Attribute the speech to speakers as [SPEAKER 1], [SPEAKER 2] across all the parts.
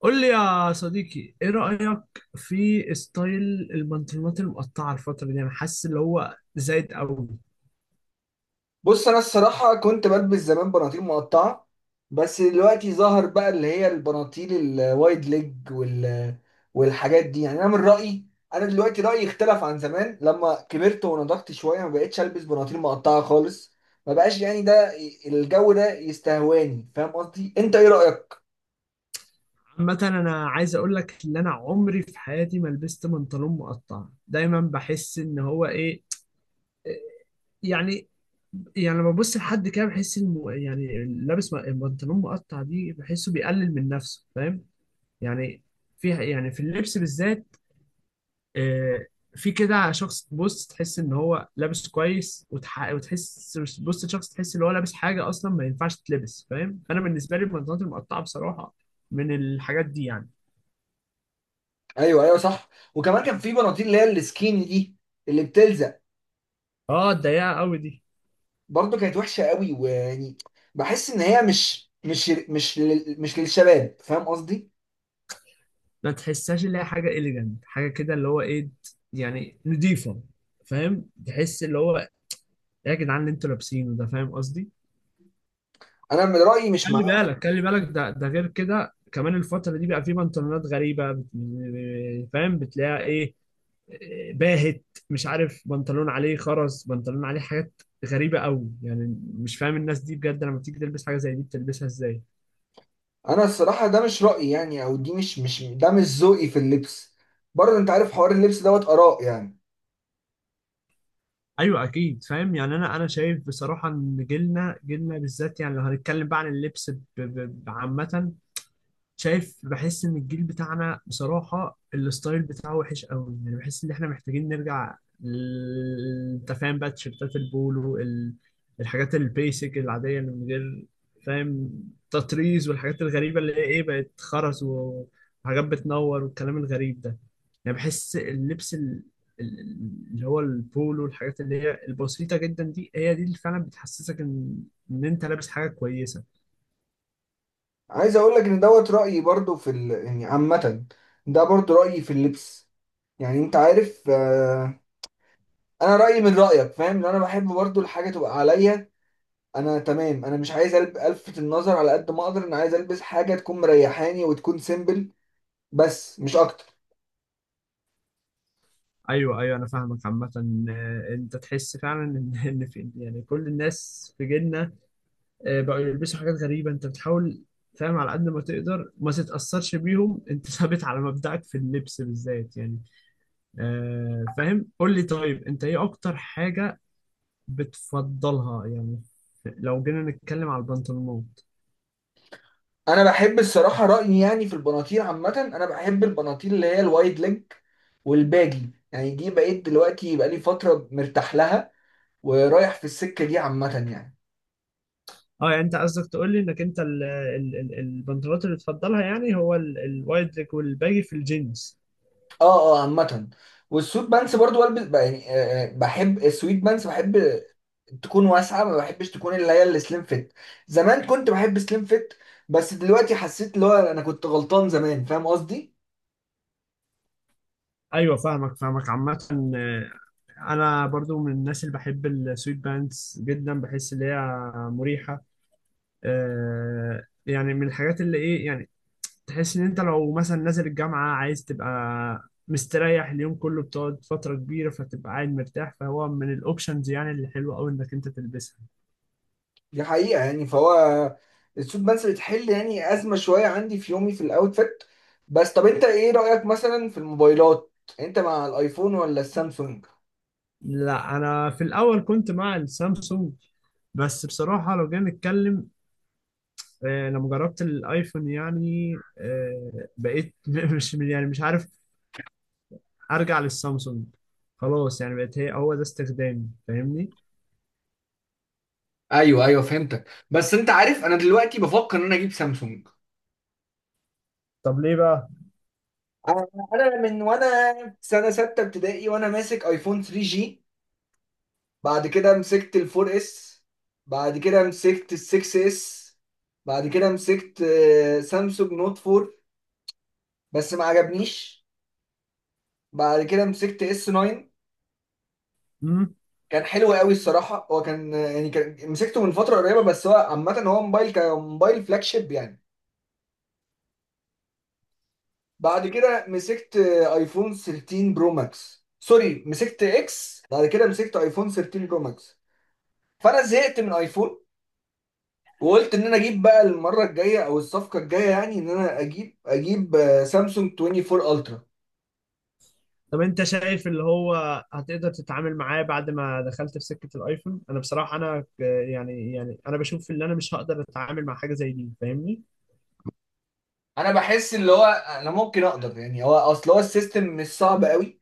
[SPEAKER 1] قول لي يا صديقي، ايه رأيك في ستايل البنطلونات المقطعة الفترة دي؟ انا حاسس اللي هو زايد قوي.
[SPEAKER 2] بص، انا الصراحه كنت بلبس زمان بناطيل مقطعه. بس دلوقتي ظهر بقى اللي هي البناطيل الوايد ليج والحاجات دي، يعني انا من رايي، انا دلوقتي رايي اختلف عن زمان لما كبرت ونضجت شويه. ما بقتش البس بناطيل مقطعه خالص، ما بقاش يعني الجو ده يستهواني. فاهم قصدي؟ انت ايه رايك؟
[SPEAKER 1] عامة انا عايز اقول لك ان انا عمري في حياتي ما لبست بنطلون مقطع. دايما بحس ان هو ايه يعني يعني لما ببص لحد كده بحس يعني لابس البنطلون مقطع دي، بحسه بيقلل من نفسه، فاهم يعني، في اللبس بالذات. آه، في كده شخص بص تحس ان هو لابس كويس، وتحس بص شخص تحس ان هو لابس حاجه اصلا ما ينفعش تلبس. فاهم، انا بالنسبه لي البنطلونات المقطعه بصراحه من الحاجات دي يعني.
[SPEAKER 2] ايوه، ايوه، صح. وكمان كان في بناطيل اللي هي السكيني دي اللي بتلزق،
[SPEAKER 1] اه، الضيقه قوي دي،
[SPEAKER 2] برضه كانت وحشه قوي، ويعني بحس ان هي مش للشباب، فاهم قصدي؟
[SPEAKER 1] ما تحسهاش اللي هي حاجه اليجنت، حاجه كده اللي هو ايه يعني، نضيفه. فاهم، تحس اللي هو إيه يا جدعان اللي انتوا لابسينه ده؟ فاهم قصدي؟
[SPEAKER 2] انا من رايي مش
[SPEAKER 1] خلي
[SPEAKER 2] معاه.
[SPEAKER 1] بالك خلي بالك ده غير كده كمان الفترة دي بقى في بنطلونات غريبة فاهم، بتلاقيها ايه؟ باهت، مش عارف، بنطلون عليه خرز، بنطلون عليه حاجات غريبة قوي. يعني مش فاهم الناس دي بجد لما بتيجي تلبس حاجة زي دي بتلبسها ازاي.
[SPEAKER 2] انا الصراحه ده مش رايي، يعني او دي مش ده مش ذوقي في اللبس، برضه انت عارف حوار اللبس دوت اراء يعني.
[SPEAKER 1] ايوه اكيد فاهم يعني، انا شايف بصراحة ان جيلنا جيلنا بالذات، يعني لو هنتكلم بقى عن اللبس عامة، شايف بحس ان الجيل بتاعنا بصراحة الستايل بتاعه وحش قوي. يعني بحس ان احنا محتاجين نرجع انت فاهم بقى تيشيرتات البولو، الحاجات البيسك العادية اللي من غير، فاهم، تطريز والحاجات الغريبة اللي هي ايه، بقت خرز وحاجات بتنور والكلام الغريب ده. يعني بحس اللبس ال- اللي هو البولو والحاجات اللي هي البسيطة جدا دي، هي دي اللي فعلا بتحسسك ان انت لابس حاجة كويسة.
[SPEAKER 2] عايز اقول لك ان دوت رايي برضه يعني عامه، ده برضه رايي في اللبس، يعني انت عارف. انا رايي من رايك، فاهم؟ لو انا بحب برضه الحاجه تبقى عليا، انا تمام. انا مش عايز الفت النظر على قد ما اقدر، انا عايز البس حاجه تكون مريحاني وتكون سيمبل، بس مش اكتر.
[SPEAKER 1] ايوه، ايوه، انا فاهمك عامه. انت تحس فعلا ان ان في يعني كل الناس في جيلنا بقوا يلبسوا حاجات غريبه. انت بتحاول، فاهم، على قد ما تقدر ما تتاثرش بيهم، انت ثابت على مبدأك في اللبس بالذات يعني. فاهم، قول لي طيب، انت ايه اكتر حاجه بتفضلها يعني لو جينا نتكلم على البنطلونات؟
[SPEAKER 2] انا بحب الصراحه رايي يعني في البناطيل عامه، انا بحب البناطيل اللي هي الوايد ليج والباجي، يعني دي بقيت دلوقتي بقالي فتره مرتاح لها ورايح في السكه دي عامه يعني.
[SPEAKER 1] اه يعني انت قصدك تقول لي انك انت البنطلونات اللي بتفضلها، يعني هو الوايد ليج والباجي في الجينز؟
[SPEAKER 2] اه، اه، عامه. والسويت بانس برضو البس يعني، بحب السويت بانس، بحب تكون واسعه، ما بحبش تكون اللي هي السليم فيت. زمان كنت بحب سليم فيت، بس دلوقتي حسيت اللي هو انا كنت غلطان زمان، فاهم قصدي؟
[SPEAKER 1] ايوه، فاهمك عامة. آه، انا برضو من الناس اللي بحب السويت بانس جدا، بحس ان هي مريحه. يعني من الحاجات اللي ايه يعني، تحس ان انت لو مثلا نازل الجامعه عايز تبقى مستريح اليوم كله، بتقعد فتره كبيره فتبقى قاعد مرتاح، فهو من الاوبشنز يعني اللي حلوه قوي انك انت تلبسها.
[SPEAKER 2] دي حقيقة يعني، فهو السوت بانس بتحل يعني أزمة شوية عندي في يومي في الأوتفيت. بس طب أنت إيه رأيك مثلا في الموبايلات؟ أنت مع الأيفون ولا السامسونج؟
[SPEAKER 1] لا، انا في الاول كنت مع السامسونج. بس بصراحه لو جينا نتكلم، لما جربت الايفون، يعني بقيت مش عارف ارجع للسامسونج. خلاص يعني بقت هي، هو ده استخدامي، فاهمني؟
[SPEAKER 2] ايوه، ايوه، فهمتك. بس انت عارف انا دلوقتي بفكر ان انا اجيب سامسونج.
[SPEAKER 1] طب ليه بقى؟
[SPEAKER 2] أنا أنا من وأنا في سنة ستة ابتدائي وأنا ماسك أيفون 3 جي، بعد كده مسكت ال 4 اس، بعد كده مسكت ال 6 اس، بعد كده مسكت سامسونج نوت 4 بس ما عجبنيش، بعد كده مسكت اس 9.
[SPEAKER 1] امم
[SPEAKER 2] كان حلو قوي الصراحه، هو كان يعني كان مسكته من فتره قريبه، بس هو عامه هو موبايل كموبايل فلاج شيب يعني. بعد كده مسكت ايفون 13 برو ماكس، سوري، مسكت اكس، بعد كده مسكت ايفون 13 برو ماكس. فانا زهقت من ايفون وقلت ان انا اجيب بقى المره الجايه او الصفقه الجايه، يعني ان انا اجيب سامسونج 24 الترا.
[SPEAKER 1] طب انت شايف اللي هو هتقدر تتعامل معاه بعد ما دخلت في سكة الايفون؟ انا بصراحة، يعني انا بشوف اللي انا مش هقدر اتعامل مع حاجة زي دي، فاهمني؟
[SPEAKER 2] انا بحس اللي هو انا ممكن اقدر، يعني هو اصل هو السيستم مش صعب قوي،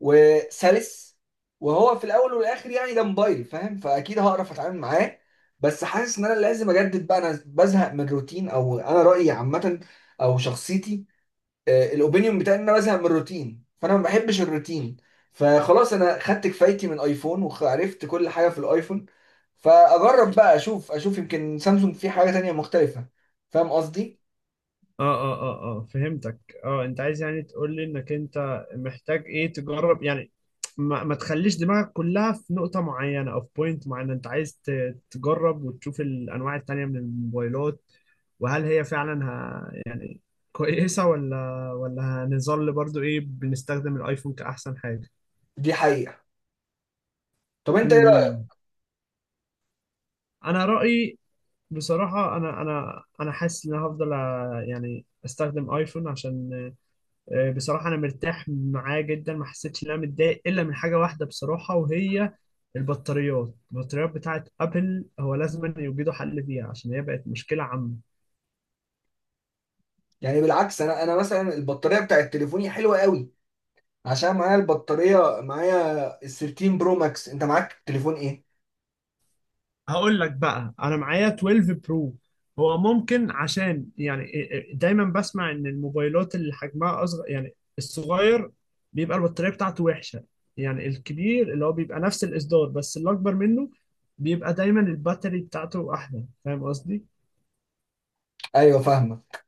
[SPEAKER 2] وسلس، وهو في الاول والاخر يعني ده موبايل، فاهم؟ فاكيد هعرف اتعامل معاه. بس حاسس ان انا لازم اجدد بقى، انا بزهق من الروتين، او انا رايي عامه او شخصيتي، الاوبينيون بتاعي ان انا بزهق من الروتين، فانا ما بحبش الروتين. فخلاص انا خدت كفايتي من ايفون وعرفت كل حاجه في الايفون، فاجرب بقى، اشوف يمكن سامسونج في حاجه تانية مختلفه، فاهم قصدي؟
[SPEAKER 1] اه، اه، اه، اه، فهمتك. اه، انت عايز يعني تقول لي انك انت محتاج ايه تجرب يعني، ما تخليش دماغك كلها في نقطة معينة او في بوينت معينة. انت عايز تجرب وتشوف الانواع التانية من الموبايلات، وهل هي فعلا يعني كويسة، ولا هنظل برضو ايه بنستخدم الايفون كأحسن حاجة؟
[SPEAKER 2] دي حقيقه. طب انت ايه رايك؟
[SPEAKER 1] مم. انا رأيي بصراحة، انا حاسس ان انا هفضل يعني استخدم ايفون، عشان بصراحة أنا مرتاح معاه جدا، ما حسيتش إن أنا متضايق إلا من حاجة واحدة بصراحة، وهي البطاريات بتاعت أبل، هو لازم أن يوجدوا حل فيها عشان هي بقت مشكلة عامة.
[SPEAKER 2] يعني بالعكس، انا مثلا البطاريه بتاعت تليفوني حلوه قوي، عشان معايا البطارية، معايا ال 13 برو ماكس. انت معاك تليفون ايه؟
[SPEAKER 1] هقول لك بقى، أنا معايا 12 برو. هو ممكن عشان يعني إيه- إيه، دايما بسمع إن الموبايلات اللي حجمها أصغر، يعني الصغير بيبقى البطارية بتاعته وحشة، يعني الكبير اللي هو بيبقى نفس الإصدار بس اللي أكبر منه بيبقى دايما الباتري بتاعته أحدث، فاهم قصدي؟
[SPEAKER 2] ايوه، فاهمك.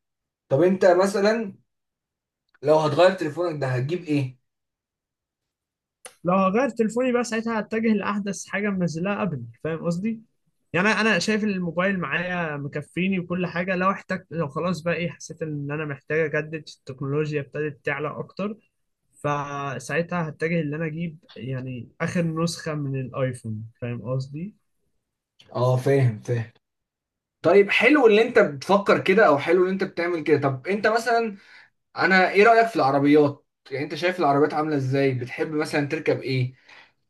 [SPEAKER 2] طب انت مثلا لو هتغير تليفونك ده هتجيب ايه؟
[SPEAKER 1] لو هغير تليفوني بقى، ساعتها هتجه لاحدث حاجه منزلها ابل، فاهم قصدي. يعني انا شايف إن الموبايل معايا مكفيني وكل حاجه، لو احتجت، لو خلاص بقى ايه حسيت ان انا محتاج اجدد، التكنولوجيا ابتدت تعلى اكتر، فساعتها هتجه ان انا اجيب يعني اخر نسخه من الايفون، فاهم قصدي.
[SPEAKER 2] اه، فاهم، فاهم. طيب حلو اللي انت بتفكر كده، او حلو اللي انت بتعمل كده. طب انت مثلا انا ايه رأيك في العربيات؟ يعني انت شايف العربيات عاملة ازاي؟ بتحب مثلا تركب ايه؟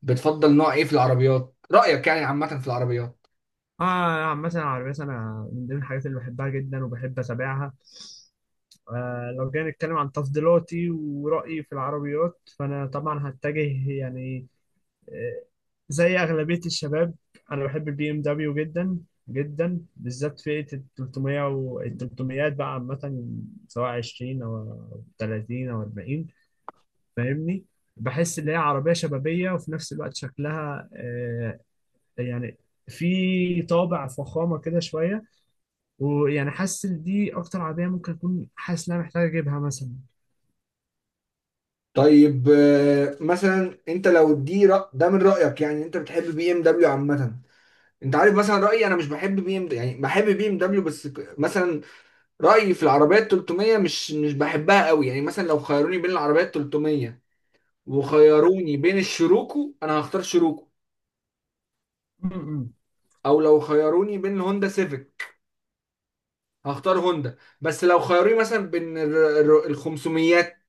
[SPEAKER 2] بتفضل نوع ايه في العربيات؟ رأيك يعني عامة في العربيات.
[SPEAKER 1] اه مثلا العربيات، انا من ضمن الحاجات اللي بحبها جدا وبحب اتابعها. لو جينا نتكلم عن تفضيلاتي ورأيي في العربيات، فانا طبعا هتجه يعني زي أغلبية الشباب، أنا بحب البي إم دبليو جدا جدا، بالذات فئة ال 300 و ال 300 بقى عامة، سواء 20 أو 30 أو 40، فاهمني، بحس إن هي عربية شبابية وفي نفس الوقت شكلها يعني في طابع فخامة كده شوية، ويعني حاسس إن دي أكتر عربية ممكن أكون حاسس إن أنا محتاج أجيبها مثلا.
[SPEAKER 2] طيب مثلا انت لو ده من رأيك يعني، انت بتحب بي ام دبليو عامة. انت عارف مثلا رايي، انا مش بحب بي ام، يعني بحب بي ام دبليو بس مثلا رايي في العربيات 300 مش بحبها قوي، يعني مثلا لو خيروني بين العربيات 300 وخيروني بين الشروكو، انا هختار شروكو،
[SPEAKER 1] م- م.
[SPEAKER 2] او لو خيروني بين الهوندا سيفيك هختار هوندا. بس لو خيروني مثلا بين ال 500،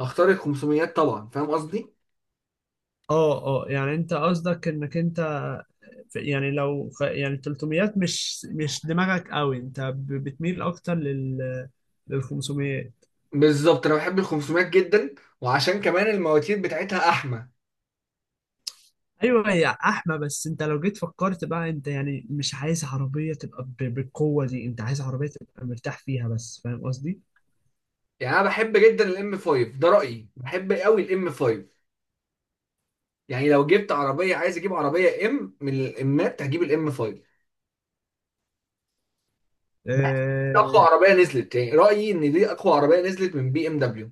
[SPEAKER 2] هختار ال 500 طبعا، فاهم قصدي؟
[SPEAKER 1] اه، اه، يعني انت قصدك انك انت يعني لو يعني 300 مش دماغك قوي، انت بتميل اكتر لل 500.
[SPEAKER 2] بالظبط، انا بحب ال 500 جدا، وعشان كمان المواتير بتاعتها احمى.
[SPEAKER 1] ايوه يا احمى، بس انت لو جيت فكرت بقى، انت يعني مش عايز عربيه تبقى بالقوه دي، انت عايز عربيه تبقى مرتاح فيها بس، فاهم قصدي؟
[SPEAKER 2] يعني انا بحب جدا الام 5، ده رايي، بحب قوي الام 5، يعني لو جبت عربيه، عايز اجيب عربيه ام من الامات، هجيب الام 5، اقوى
[SPEAKER 1] آه
[SPEAKER 2] عربيه نزلت، يعني رايي ان دي اقوى عربيه نزلت من بي ام دبليو.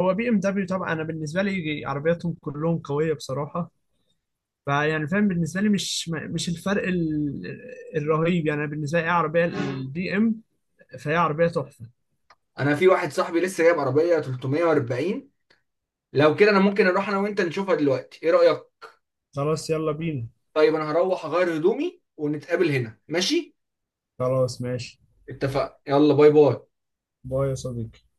[SPEAKER 1] هو بي ام دبليو طبعا، انا بالنسبه لي عربياتهم كلهم قويه بصراحه. فيعني فاهم، بالنسبه لي مش الفرق الرهيب يعني، أنا بالنسبه لي ايه عربيه البي ام، فهي عربيه تحفه.
[SPEAKER 2] انا في واحد صاحبي لسه جايب عربيه 340، لو كده انا ممكن اروح انا وانت نشوفها دلوقتي، ايه رايك؟
[SPEAKER 1] خلاص يلا بينا.
[SPEAKER 2] طيب انا هروح اغير هدومي ونتقابل هنا، ماشي؟
[SPEAKER 1] خلاص ماشي،
[SPEAKER 2] اتفقنا، يلا، باي باي.
[SPEAKER 1] باي يا صديقي.